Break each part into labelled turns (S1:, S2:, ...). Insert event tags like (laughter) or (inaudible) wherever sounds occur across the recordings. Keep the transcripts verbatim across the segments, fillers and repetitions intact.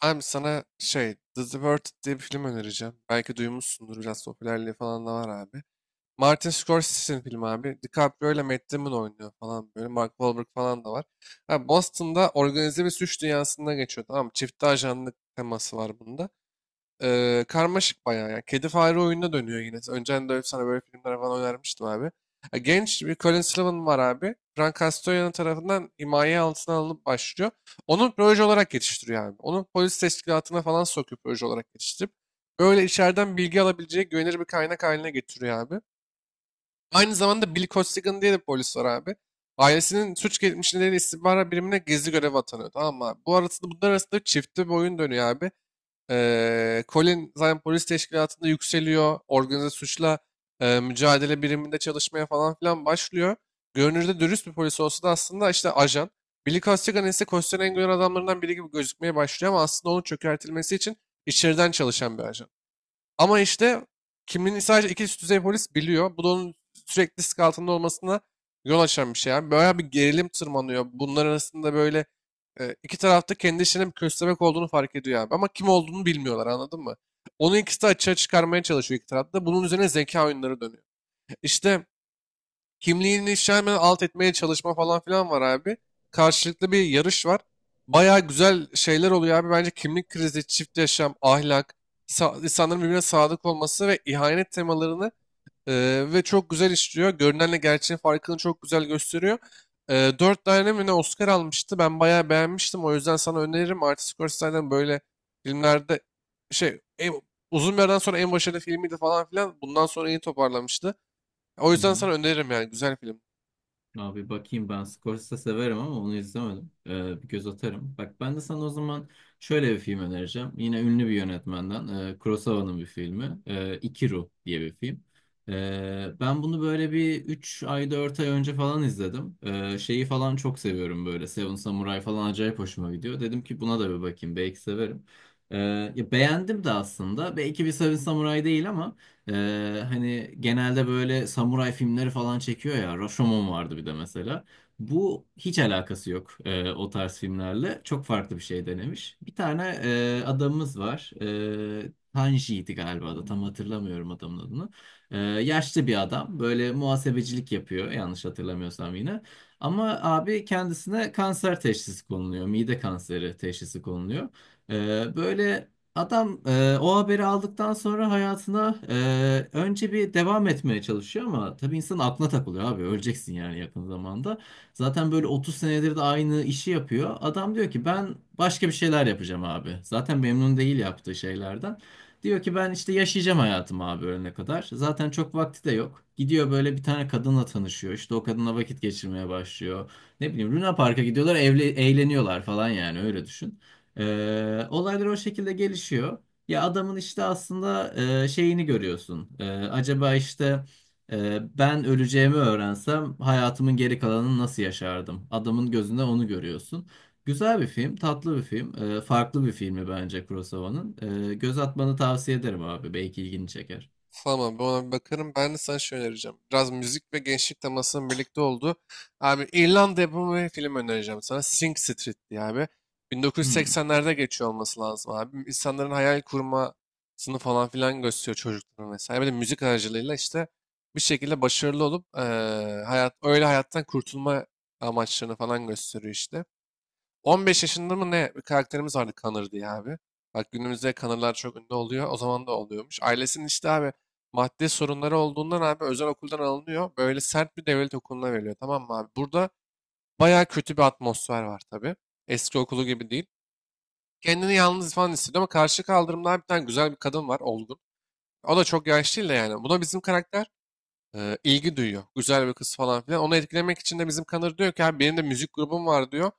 S1: Abi sana şey The Departed diye bir film önereceğim. Belki duymuşsundur, biraz popülerliği falan da var abi. Martin Scorsese'nin filmi abi. DiCaprio ile Matt Damon oynuyor falan böyle. Mark Wahlberg falan da var. Abi Boston'da organize bir suç dünyasında geçiyor, tamam mı? Çifte ajanlık teması var bunda. Eee, karmaşık bayağı ya. Kedi fare oyununa dönüyor yine. Önceden de sana böyle filmler falan önermiştim abi. Ya genç bir Colin Sullivan var abi. Frank Castellano tarafından himaye altına alınıp başlıyor. Onu proje olarak yetiştiriyor abi. Onu polis teşkilatına falan sokuyor, proje olarak yetiştirip. Böyle içeriden bilgi alabileceği güvenilir bir kaynak haline getiriyor abi. Aynı zamanda Bill Costigan diye de bir polis var abi. Ailesinin suç geçmişinde istihbarat birimine gizli görev atanıyor. Tamam mı abi? Bu arasında, bunlar arasında çiftli bir oyun dönüyor abi. Eee, Colin zaten polis teşkilatında yükseliyor. Organize suçla eee, mücadele biriminde çalışmaya falan filan başlıyor. Görünürde dürüst bir polis olsa da aslında işte ajan. Billy Costigan ise Costello'nun en güven adamlarından biri gibi gözükmeye başlıyor, ama aslında onun çökertilmesi için içeriden çalışan bir ajan. Ama işte kimliğini sadece iki üst düzey polis biliyor. Bu da onun sürekli risk altında olmasına yol açan bir şey. Yani böyle bir gerilim tırmanıyor. Bunlar arasında böyle e, iki tarafta kendi işinin bir köstebek olduğunu fark ediyor abi. Ama kim olduğunu bilmiyorlar, anladın mı? Onu ikisi de açığa çıkarmaya çalışıyor, iki tarafta. Bunun üzerine zeka oyunları dönüyor. İşte kimliğini işte hemen alt etmeye çalışma falan filan var abi. Karşılıklı bir yarış var. Baya güzel şeyler oluyor abi. Bence kimlik krizi, çift yaşam, ahlak, sa- insanların birbirine sadık olması ve ihanet temalarını e, ve çok güzel işliyor. Görünenle gerçeğin farkını çok güzel gösteriyor. E, dört tane mi ne Oscar almıştı. Ben bayağı beğenmiştim. O yüzden sana öneririm. Martin Scorsese'den böyle filmlerde şey en- uzun bir aradan sonra en başarılı filmiydi falan filan. Bundan sonra iyi toparlamıştı. O
S2: Hı
S1: yüzden
S2: hı.
S1: sana öneririm, yani güzel film.
S2: Abi bakayım ben Scorsese severim ama onu izlemedim. Ee, bir göz atarım. Bak ben de sana o zaman şöyle bir film önereceğim. Yine ünlü bir yönetmenden. E, Kurosawa'nın bir filmi. E, Ikiru diye bir film. E, ben bunu böyle bir üç ay dört ay önce falan izledim. E, şeyi falan çok seviyorum böyle. Seven Samurai falan acayip hoşuma gidiyor. Dedim ki buna da bir bakayım. Belki severim. E, Ya beğendim de aslında. Belki bir Seven Samurai değil ama ee, hani genelde böyle samuray filmleri falan çekiyor ya. Rashomon vardı bir de mesela. Bu hiç alakası yok e, o tarz filmlerle. Çok farklı bir şey denemiş. Bir tane e, adamımız var. E, Tanji'ydi galiba da tam hatırlamıyorum adamın adını. E, Yaşlı bir adam. Böyle muhasebecilik yapıyor yanlış hatırlamıyorsam yine. Ama abi kendisine kanser teşhisi konuluyor. Mide kanseri teşhisi konuluyor. E, böyle... Adam e, o haberi aldıktan sonra hayatına e, önce bir devam etmeye çalışıyor ama tabii insan aklına takılıyor abi öleceksin yani yakın zamanda. Zaten böyle otuz senedir de aynı işi yapıyor. Adam diyor ki ben başka bir şeyler yapacağım abi. Zaten memnun değil yaptığı şeylerden. Diyor ki ben işte yaşayacağım hayatımı abi ölene kadar. Zaten çok vakti de yok. Gidiyor böyle bir tane kadınla tanışıyor. İşte o kadınla vakit geçirmeye başlıyor. Ne bileyim Luna Park'a gidiyorlar, evle, eğleniyorlar falan yani öyle düşün. Ee, olaylar o şekilde gelişiyor. Ya adamın işte aslında e, şeyini görüyorsun. E, acaba işte e, ben öleceğimi öğrensem hayatımın geri kalanını nasıl yaşardım? Adamın gözünde onu görüyorsun. Güzel bir film, tatlı bir film. E, farklı bir filmi bence Kurosawa'nın. E, göz atmanı tavsiye ederim abi. Belki ilgini çeker.
S1: Tamam, ben ona bir bakarım. Ben de sana şey önereceğim. Biraz müzik ve gençlik temasının birlikte olduğu. Abi İrlanda yapımı bir film önereceğim sana. Sing Street diye abi.
S2: Hmm.
S1: bin dokuz yüz seksenlerde geçiyor olması lazım abi. İnsanların hayal kurmasını falan filan gösteriyor, çocukların vesaire. Bir de müzik aracılığıyla işte bir şekilde başarılı olup eee, hayat öyle hayattan kurtulma amaçlarını falan gösteriyor işte. on beş yaşında mı ne bir karakterimiz vardı, Connor diye abi. Bak günümüzde Connor'lar çok ünlü oluyor. O zaman da oluyormuş. Ailesinin işte abi maddi sorunları olduğundan abi özel okuldan alınıyor. Böyle sert bir devlet okuluna veriliyor, tamam mı abi? Burada bayağı kötü bir atmosfer var tabii. Eski okulu gibi değil. Kendini yalnız falan hissediyor, ama karşı kaldırımda bir tane güzel bir kadın var, olgun. O da çok yaşlı değil de yani. Buna bizim karakter e, ilgi duyuyor. Güzel bir kız falan filan. Onu etkilemek için de bizim Connor diyor ki abi, benim de müzik grubum var diyor.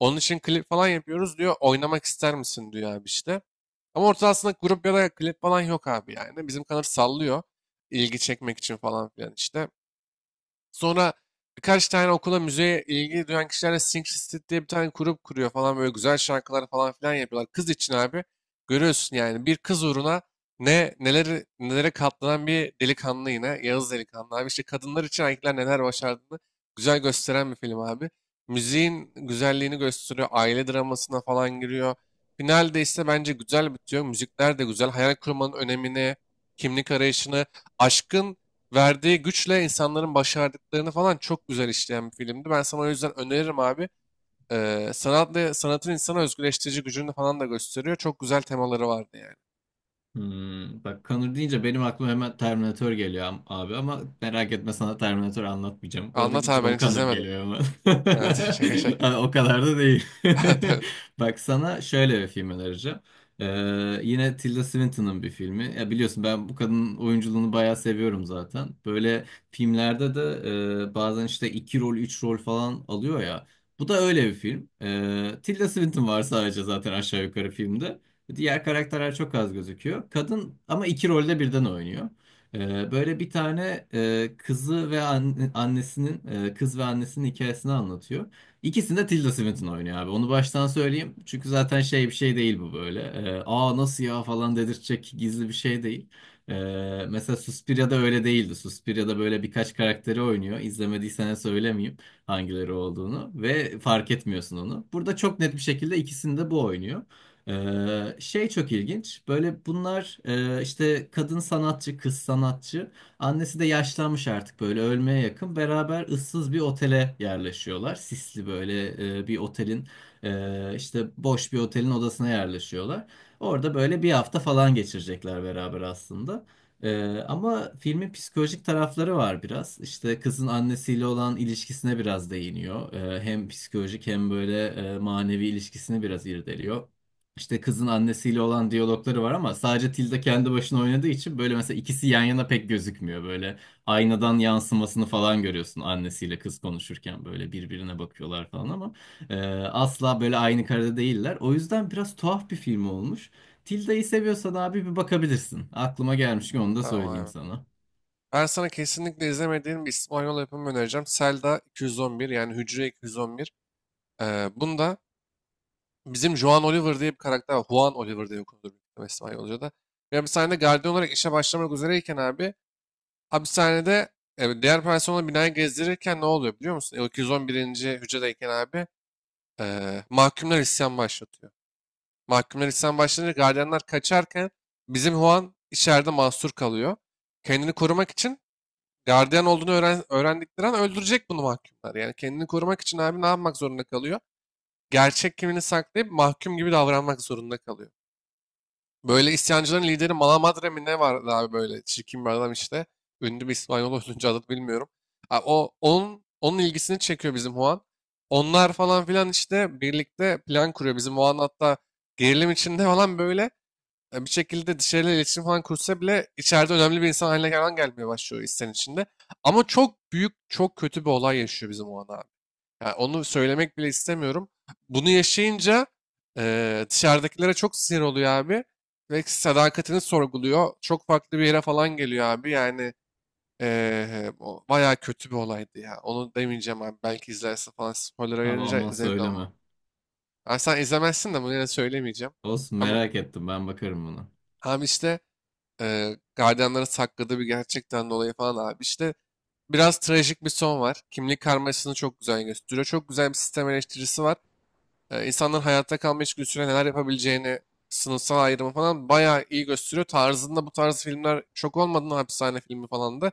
S1: Onun için klip falan yapıyoruz diyor. Oynamak ister misin diyor abi işte. Ama ortasında grup ya da klip falan yok abi yani. Bizim kanal sallıyor. İlgi çekmek için falan filan işte. Sonra birkaç tane okula müzeye ilgi duyan kişilerle Sync Street diye bir tane grup kuruyor falan, böyle güzel şarkılar falan filan yapıyorlar. Kız için abi görüyorsun yani, bir kız uğruna ne neleri nelere katlanan bir delikanlı, yine Yağız delikanlı abi işte, kadınlar için erkekler neler başardığını güzel gösteren bir film abi. Müziğin güzelliğini gösteriyor. Aile dramasına falan giriyor. Finalde ise bence güzel bitiyor. Müzikler de güzel. Hayal kurmanın önemini, kimlik arayışını, aşkın verdiği güçle insanların başardıklarını falan çok güzel işleyen bir filmdi. Ben sana o yüzden öneririm abi. Ee, sanatla, sanatın insana özgürleştirici gücünü falan da gösteriyor. Çok güzel temaları vardı yani.
S2: Hmm, bak Connor deyince benim aklıma hemen Terminator geliyor am- abi ama merak etme sana Terminator anlatmayacağım.
S1: Anlat
S2: Oradaki
S1: abi, ben
S2: John
S1: hiç
S2: Connor
S1: izlemedim.
S2: geliyor ama.
S1: (laughs) Evet,
S2: (laughs)
S1: şaka şaka.
S2: Ay, o kadar da değil.
S1: (laughs) Tabii.
S2: (laughs) Bak sana şöyle bir film önereceğim. Ee, yine Tilda Swinton'ın bir filmi. Ya biliyorsun ben bu kadının oyunculuğunu bayağı seviyorum zaten. Böyle filmlerde de e, bazen işte iki rol, üç rol falan alıyor ya. Bu da öyle bir film. Ee, Tilda Swinton var sadece zaten aşağı yukarı filmde. Diğer karakterler çok az gözüküyor. Kadın ama iki rolde birden oynuyor. Ee, böyle bir tane e, kızı ve anne- annesinin e, kız ve annesinin hikayesini anlatıyor. İkisini de Tilda Swinton oynuyor abi. Onu baştan söyleyeyim. Çünkü zaten şey bir şey değil bu böyle. Ee, Aa nasıl ya falan dedirtecek gizli bir şey değil. Ee, Mesela Suspiria'da öyle değildi. Suspiria'da böyle birkaç karakteri oynuyor. İzlemediysen söylemeyeyim hangileri olduğunu ve fark etmiyorsun onu. Burada çok net bir şekilde ikisini de bu oynuyor. Ee, şey çok ilginç. Böyle bunlar e, işte kadın sanatçı, kız sanatçı. Annesi de yaşlanmış artık böyle ölmeye yakın. Beraber ıssız bir otele yerleşiyorlar. Sisli böyle e, bir otelin e, işte boş bir otelin odasına yerleşiyorlar. Orada böyle bir hafta falan geçirecekler beraber aslında. Ee, ama filmin psikolojik tarafları var biraz. İşte kızın annesiyle olan ilişkisine biraz değiniyor. Ee, hem psikolojik hem böyle e, manevi ilişkisini biraz irdeliyor. İşte kızın annesiyle olan diyalogları var ama sadece Tilda kendi başına oynadığı için böyle mesela ikisi yan yana pek gözükmüyor. Böyle aynadan yansımasını falan görüyorsun annesiyle kız konuşurken böyle birbirine bakıyorlar falan ama e, asla böyle aynı karede değiller. O yüzden biraz tuhaf bir film olmuş. Tilda'yı seviyorsan abi bir bakabilirsin. Aklıma gelmişken onu da
S1: Tamam
S2: söyleyeyim
S1: abi.
S2: sana.
S1: Ben sana kesinlikle izlemediğim bir İspanyol yapımı önereceğim. Selda iki yüz on bir, yani Hücre iki yüz on bir. Ee, bunda bizim Juan Oliver diye bir karakter var. Juan Oliver diye okunur büyük İspanyolca'da. Ya bir sahnede gardiyan olarak işe başlamak üzereyken abi hapishanede e, diğer personel binayı gezdirirken ne oluyor biliyor musun? E, o iki yüz on birinci. hücredeyken abi e, mahkumlar isyan başlatıyor. Mahkumlar isyan başlatınca gardiyanlar kaçarken bizim Juan içeride mahsur kalıyor. Kendini korumak için gardiyan olduğunu öğren, öğrendikleri an öldürecek bunu mahkumlar. Yani kendini korumak için abi ne yapmak zorunda kalıyor? Gerçek kimliğini saklayıp mahkum gibi davranmak zorunda kalıyor. Böyle isyancıların lideri Malamadre mi ne vardı abi, böyle çirkin bir adam işte. Ünlü bir İspanyol oyuncu, adını bilmiyorum. Ha, O, onun, onun ilgisini çekiyor bizim Juan. Onlar falan filan işte birlikte plan kuruyor. Bizim Juan hatta gerilim içinde falan böyle e, bir şekilde dışarıyla iletişim falan kursa bile içeride önemli bir insan haline falan gelmeye başlıyor istenin içinde. Ama çok büyük, çok kötü bir olay yaşıyor bizim Juan abi. Yani onu söylemek bile istemiyorum. Bunu yaşayınca eee, dışarıdakilere çok sinir oluyor abi. Ve sadakatini sorguluyor. Çok farklı bir yere falan geliyor abi. Yani eee o bayağı kötü bir olaydı ya. Onu demeyeceğim abi. Belki izlerse falan, spoiler
S2: Abi
S1: verince
S2: aman
S1: zevk alınır.
S2: söyleme.
S1: Yani sen izlemezsin de bunu, yine söylemeyeceğim.
S2: Olsun
S1: Ama
S2: merak ettim ben bakarım buna.
S1: abi işte eee gardiyanlara sakladığı bir gerçekten dolayı falan abi. İşte biraz trajik bir son var. Kimlik karmaşasını çok güzel gösteriyor. Çok güzel bir sistem eleştirisi var. e, insanların hayatta kalma içgüdüsüyle neler yapabileceğini, sınıfsal ayrımı falan bayağı iyi gösteriyor. Tarzında bu tarz filmler, şok olmadın, hapishane filmi falan da.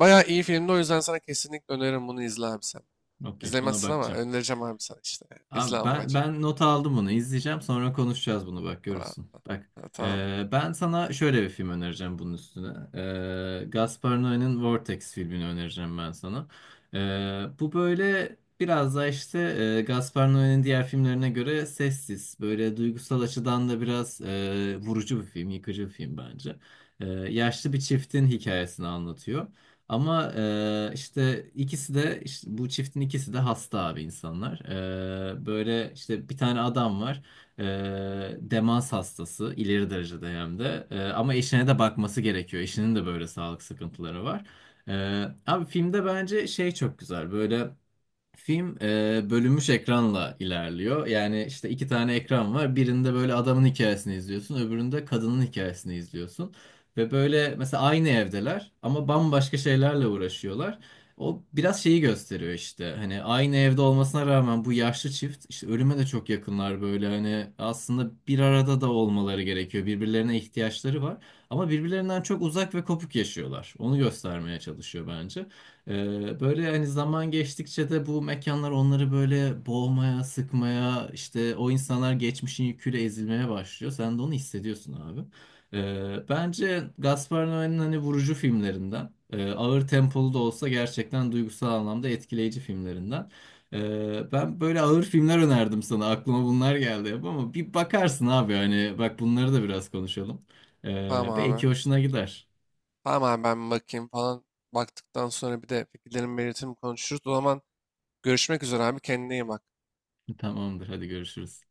S1: Bayağı iyi filmdi, o yüzden sana kesinlikle öneririm, bunu izle abi sen.
S2: Okey buna
S1: İzlemezsin ama
S2: bakacağım.
S1: önereceğim abi sana işte. İzle
S2: Abi
S1: ama
S2: ben
S1: bence.
S2: ben nota aldım bunu. İzleyeceğim sonra konuşacağız bunu bak
S1: Tamam.
S2: görürsün. Bak
S1: Tamam.
S2: e, ben sana şöyle bir film önereceğim bunun üstüne. E, Gaspar Noé'nin Vortex filmini önereceğim ben sana. E, Bu böyle biraz da işte e, Gaspar Noé'nin diğer filmlerine göre sessiz. Böyle duygusal açıdan da biraz e, vurucu bir film, yıkıcı bir film bence. E, yaşlı bir çiftin hikayesini anlatıyor. Ama eee, işte ikisi de işte bu çiftin ikisi de hasta abi insanlar. Eee, böyle işte bir tane adam var. Eee, demans hastası ileri derecede hem de. Eee, ama eşine de bakması gerekiyor. Eşinin de böyle sağlık sıkıntıları var. Eee, abi filmde bence şey çok güzel. Böyle film e, bölünmüş ekranla ilerliyor. Yani işte iki tane ekran var. Birinde böyle adamın hikayesini izliyorsun, öbüründe kadının hikayesini izliyorsun. Ve böyle mesela aynı evdeler ama bambaşka şeylerle uğraşıyorlar. O biraz şeyi gösteriyor işte. Hani aynı evde olmasına rağmen bu yaşlı çift işte ölüme de çok yakınlar böyle. Hani aslında bir arada da olmaları gerekiyor. Birbirlerine ihtiyaçları var. Ama birbirlerinden çok uzak ve kopuk yaşıyorlar. Onu göstermeye çalışıyor bence. Ee, böyle hani zaman geçtikçe de bu mekanlar onları böyle boğmaya, sıkmaya, işte o insanlar geçmişin yüküyle ezilmeye başlıyor. Sen de onu hissediyorsun abi. Ee, bence Gaspar Noé'nin hani vurucu filmlerinden, e, ağır tempolu da olsa gerçekten duygusal anlamda etkileyici filmlerinden. Ee, ben böyle ağır filmler önerdim sana. Aklıma bunlar geldi hep ama bir bakarsın abi hani bak bunları da biraz konuşalım.
S1: Tamam
S2: Ee,
S1: abi.
S2: belki hoşuna gider.
S1: Tamam abi, ben bakayım falan. Baktıktan sonra bir de fikirlerimi belirtirim, konuşuruz. O zaman görüşmek üzere abi, kendine iyi bak.
S2: Tamamdır, hadi görüşürüz.